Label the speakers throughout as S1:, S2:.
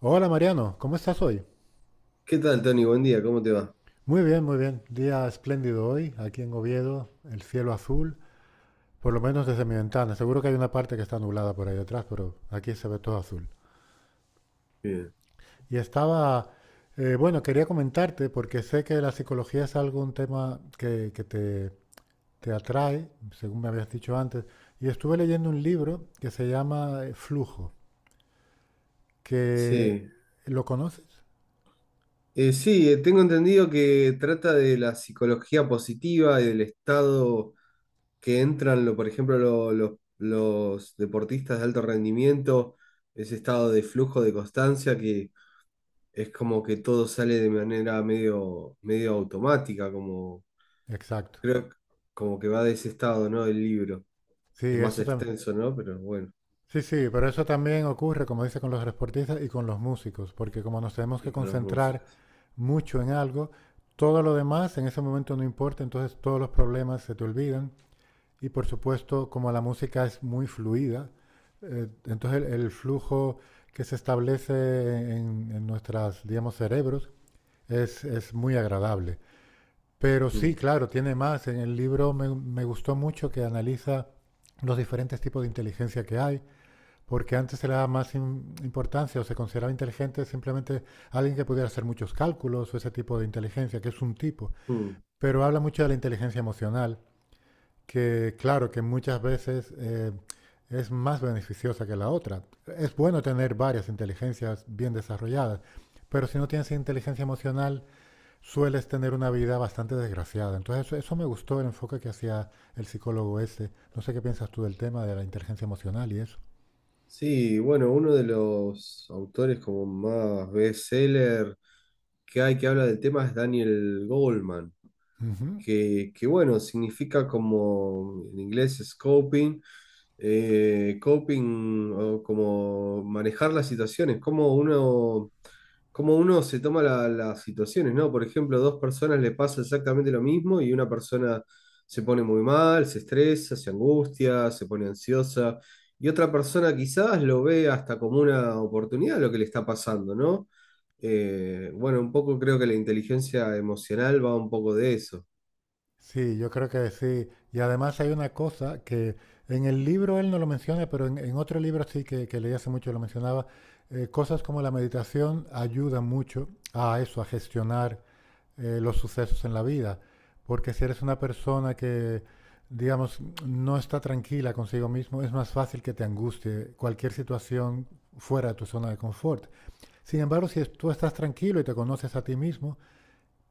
S1: Hola Mariano, ¿cómo estás hoy?
S2: ¿Qué tal, Tony? Buen día, ¿cómo te va?
S1: Muy bien, muy bien. Día espléndido hoy, aquí en Oviedo, el cielo azul, por lo menos desde mi ventana. Seguro que hay una parte que está nublada por ahí detrás, pero aquí se ve todo azul.
S2: Bien.
S1: Y estaba, bueno, quería comentarte porque sé que la psicología es algo, un tema que te atrae, según me habías dicho antes, y estuve leyendo un libro que se llama Flujo, que
S2: Sí.
S1: ¿lo conoces?
S2: Sí, tengo entendido que trata de la psicología positiva y del estado que entran, por ejemplo, los deportistas de alto rendimiento, ese estado de flujo de constancia que es como que todo sale de manera medio automática, como
S1: Exacto.
S2: creo que- como que va de ese estado, ¿no? El libro.
S1: Sí,
S2: Es más
S1: eso.
S2: extenso, ¿no? Pero bueno,
S1: Sí, sí, pero eso también ocurre, como dice, con los deportistas y con los músicos, porque como nos tenemos
S2: y
S1: que
S2: con las
S1: concentrar
S2: músicas.
S1: mucho en algo, todo lo demás en ese momento no importa, entonces todos los problemas se te olvidan. Y por supuesto, como la música es muy fluida, entonces el flujo que se establece en nuestras, digamos, cerebros es muy agradable. Pero sí,
S2: Mm,
S1: claro, tiene más. En el libro me gustó mucho que analiza los diferentes tipos de inteligencia que hay porque antes se le daba más importancia o se consideraba inteligente simplemente alguien que pudiera hacer muchos cálculos o ese tipo de inteligencia, que es un tipo.
S2: mm.
S1: Pero habla mucho de la inteligencia emocional, que claro, que muchas veces es más beneficiosa que la otra. Es bueno tener varias inteligencias bien desarrolladas, pero si no tienes inteligencia emocional, sueles tener una vida bastante desgraciada. Entonces eso me gustó el enfoque que hacía el psicólogo ese. No sé qué piensas tú del tema de la inteligencia emocional y eso.
S2: Sí, bueno, uno de los autores como más bestseller que hay que habla del tema es Daniel Goldman
S1: Ujú.
S2: bueno, significa como en inglés es coping, coping o como manejar las situaciones, cómo uno se toma las situaciones, ¿no? Por ejemplo, dos personas le pasa exactamente lo mismo y una persona se pone muy mal, se estresa, se angustia, se pone ansiosa. Y otra persona quizás lo ve hasta como una oportunidad lo que le está pasando, ¿no? Bueno, un poco creo que la inteligencia emocional va un poco de eso.
S1: Sí, yo creo que sí. Y además hay una cosa que en el libro él no lo menciona, pero en otro libro sí que leí hace mucho lo mencionaba. Cosas como la meditación ayudan mucho a eso, a gestionar los sucesos en la vida. Porque si eres una persona que, digamos, no está tranquila consigo mismo, es más fácil que te angustie cualquier situación fuera de tu zona de confort. Sin embargo, si es- tú estás tranquilo y te conoces a ti mismo,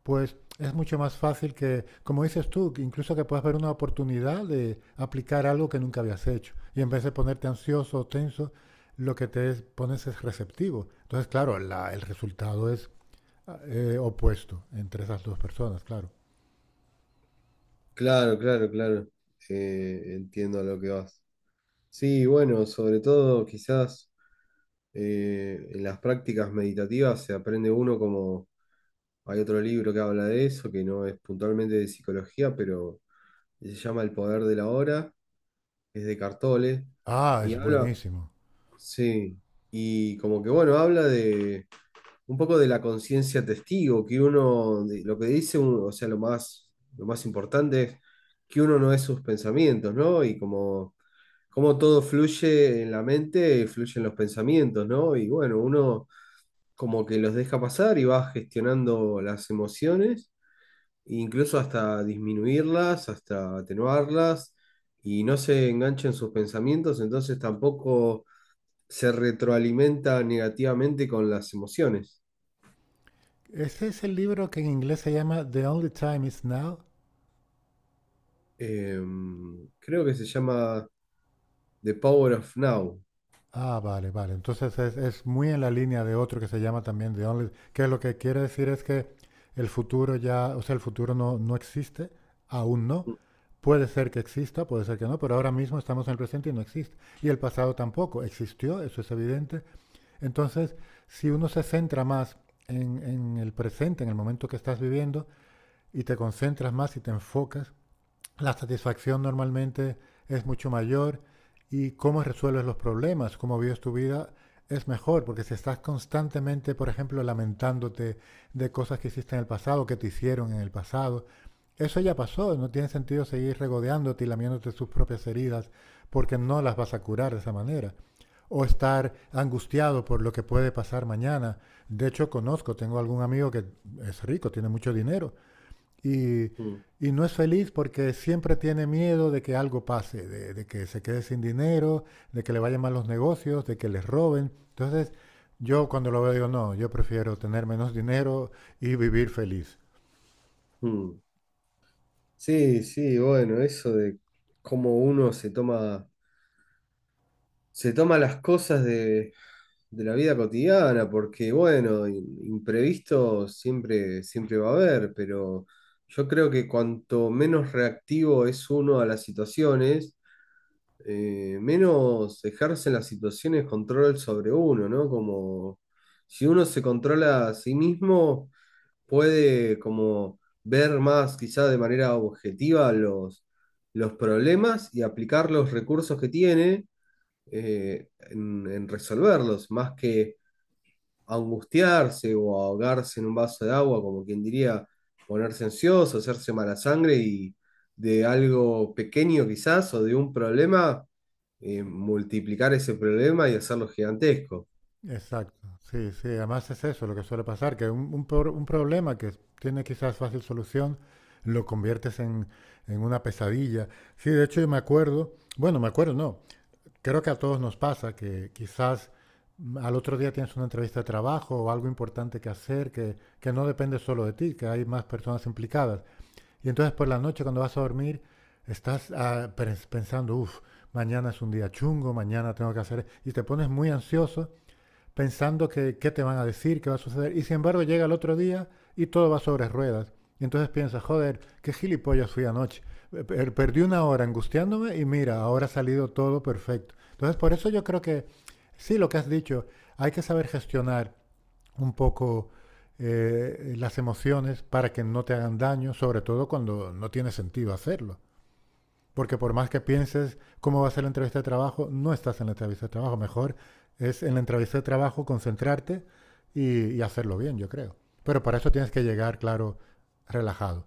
S1: pues es mucho más fácil que, como dices tú, que incluso que puedas ver una oportunidad de aplicar algo que nunca habías hecho. Y en vez de ponerte ansioso o tenso, lo que pones es receptivo. Entonces, claro, el resultado es opuesto entre esas dos personas, claro.
S2: Claro, claro, claro. Entiendo a lo que vas. Sí, bueno, sobre todo quizás en las prácticas meditativas se aprende uno como hay otro libro que habla de eso, que no es puntualmente de psicología, pero se llama El poder de la hora, es de Cartole,
S1: Ah,
S2: y
S1: es
S2: habla,
S1: buenísimo.
S2: sí, y como que bueno, habla de un poco de la conciencia testigo, que uno, lo que dice uno, o sea, lo más importante es que uno no es sus pensamientos, ¿no? Y como, como todo fluye en la mente, fluyen los pensamientos, ¿no? Y bueno, uno como que los deja pasar y va gestionando las emociones, e incluso hasta disminuirlas, hasta atenuarlas, y no se engancha en sus pensamientos, entonces tampoco se retroalimenta negativamente con las emociones.
S1: Ese es el libro que en inglés se llama The Only Time Is Now.
S2: Creo que se llama The Power of Now.
S1: Ah, vale, vale. Entonces es muy en la línea de otro que se llama también The Only, que lo que quiere decir es que el futuro ya, o sea, el futuro no existe, aún no. Puede ser que exista, puede ser que no, pero ahora mismo estamos en el presente y no existe. Y el pasado tampoco existió, eso es evidente. Entonces, si uno se centra más en el presente, en el momento que estás viviendo, y te concentras más y te enfocas, la satisfacción normalmente es mucho mayor y cómo resuelves los problemas, cómo vives tu vida, es mejor, porque si estás constantemente, por ejemplo, lamentándote de cosas que hiciste en el pasado, que te hicieron en el pasado, eso ya pasó, no tiene sentido seguir regodeándote y lamiéndote sus propias heridas, porque no las vas a curar de esa manera. O estar angustiado por lo que puede pasar mañana. De hecho, conozco, tengo algún amigo que es rico, tiene mucho dinero, y,
S2: Mm,
S1: y no es feliz porque siempre tiene miedo de que algo pase, de que se quede sin dinero, de que le vayan mal los negocios, de que les roben. Entonces, yo cuando lo veo digo, no, yo prefiero tener menos dinero y vivir feliz.
S2: mm. Sí, sí, bueno, eso de cómo uno se toma las cosas de la vida cotidiana, porque bueno, imprevisto siempre va a haber, pero yo creo que cuanto menos reactivo es uno a las situaciones, menos ejercen las situaciones control sobre uno, ¿no? Como si uno se controla a sí mismo puede como ver más quizá de manera objetiva los problemas y aplicar los recursos que tiene en resolverlos, más que angustiarse o ahogarse en un vaso de agua, como quien diría, ponerse ansioso, hacerse mala sangre y de algo pequeño quizás o de un problema, multiplicar ese problema y hacerlo gigantesco.
S1: Exacto, sí, sí, además es eso lo que suele pasar, que un un problema que tiene quizás fácil solución lo conviertes en una pesadilla. Sí, de hecho yo me acuerdo, bueno, me acuerdo, no, creo que a todos nos pasa que quizás al otro día tienes una entrevista de trabajo o algo importante que hacer que no depende solo de ti, que hay más personas implicadas. Y entonces por la noche cuando vas a dormir estás ah, pensando, uff, mañana es un día chungo, mañana tengo que hacer. Y te pones muy ansioso pensando que qué te van a decir, qué va a suceder. Y sin embargo llega el otro día y todo va sobre ruedas. Y entonces piensas, joder, qué gilipollas fui anoche. Perdí una hora angustiándome y mira, ahora ha salido todo perfecto. Entonces por eso yo creo que sí, lo que has dicho, hay que saber gestionar un poco las emociones para que no te hagan daño, sobre todo cuando no tiene sentido hacerlo. Porque por más que pienses cómo va a ser la entrevista de trabajo, no estás en la entrevista de trabajo. Mejor es en la entrevista de trabajo concentrarte y hacerlo bien, yo creo. Pero para eso tienes que llegar, claro, relajado.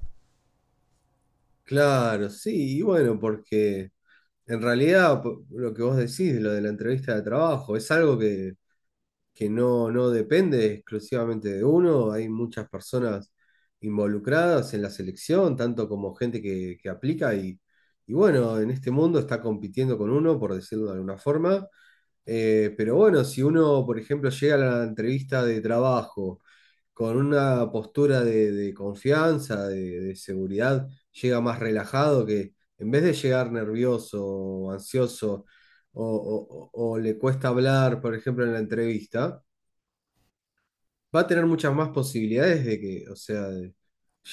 S2: Claro, sí, y bueno... porque... En realidad, lo que vos decís, lo de la entrevista de trabajo, es algo que, no depende exclusivamente de uno. Hay muchas personas involucradas en la selección, tanto como gente que aplica y bueno, en este mundo está compitiendo con uno, por decirlo de alguna forma. Pero bueno, si uno, por ejemplo, llega a la entrevista de trabajo con una postura de confianza, de seguridad, llega más relajado que en vez de llegar nervioso o ansioso o, o le cuesta hablar, por ejemplo, en la entrevista, va a tener muchas más posibilidades de que, o sea, de-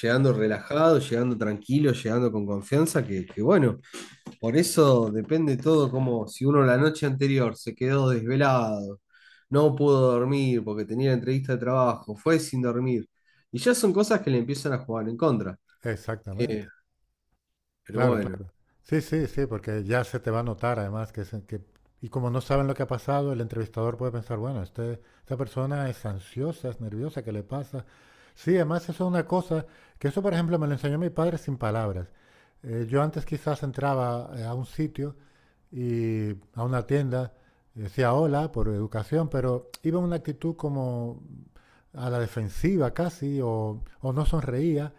S2: llegando relajado, llegando tranquilo, llegando con confianza, que bueno, por eso depende todo como si uno la noche anterior se quedó desvelado, no pudo dormir porque tenía entrevista de trabajo, fue sin dormir. Y ya son cosas que le empiezan a jugar en contra.
S1: Exactamente.
S2: Pero
S1: Claro,
S2: bueno,
S1: claro. Sí, sí, sí, porque ya se te va a notar además y como no saben lo que ha pasado, el entrevistador puede pensar, bueno, esta persona es ansiosa, es nerviosa, ¿qué le pasa? Sí, además eso es una cosa, que eso por ejemplo me lo enseñó mi padre sin palabras. Yo antes quizás entraba a un sitio y a una tienda y decía hola por educación, pero iba en una actitud como a la defensiva casi o no sonreía.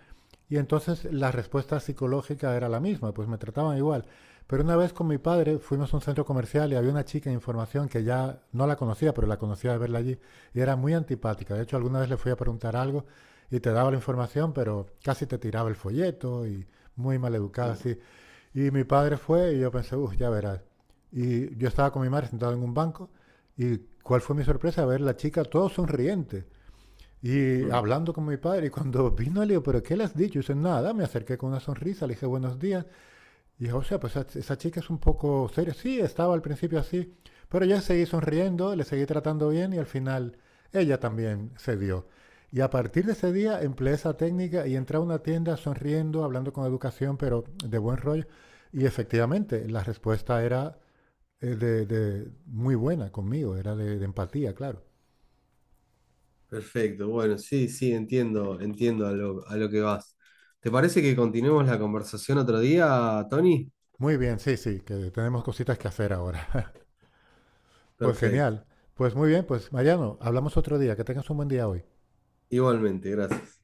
S1: Y entonces la respuesta psicológica era la misma, pues me trataban igual. Pero una vez con mi padre fuimos a un centro comercial y había una chica en información que ya no la conocía, pero la conocía de verla allí y era muy antipática. De hecho, alguna vez le fui a preguntar algo y te daba la información, pero casi te tiraba el folleto y muy mal educada
S2: mm,
S1: así. Y mi padre fue y yo pensé, uff, ya verás. Y yo estaba con mi madre sentado en un banco y cuál fue mi sorpresa ver la chica todo sonriente y
S2: mm,
S1: hablando con mi padre, y cuando vino le digo, ¿pero qué le has dicho? Y dice, nada, me acerqué con una sonrisa, le dije buenos días. Y dije, o sea, pues esa, chica es un poco seria. Sí, estaba al principio así, pero ya seguí sonriendo, le seguí tratando bien y al final ella también cedió. Y a partir de ese día empleé esa técnica y entré a una tienda sonriendo, hablando con educación, pero de buen rollo. Y efectivamente, la respuesta era muy buena conmigo, era de empatía, claro.
S2: perfecto. Bueno, sí, sí, entiendo, entiendo a lo que vas. ¿Te parece que continuemos la conversación otro día, Tony?
S1: Muy bien, sí, sí, que tenemos cositas que hacer ahora. Pues
S2: Perfecto.
S1: genial. Pues muy bien, pues Mariano, hablamos otro día. Que tengas un buen día hoy.
S2: Igualmente, gracias.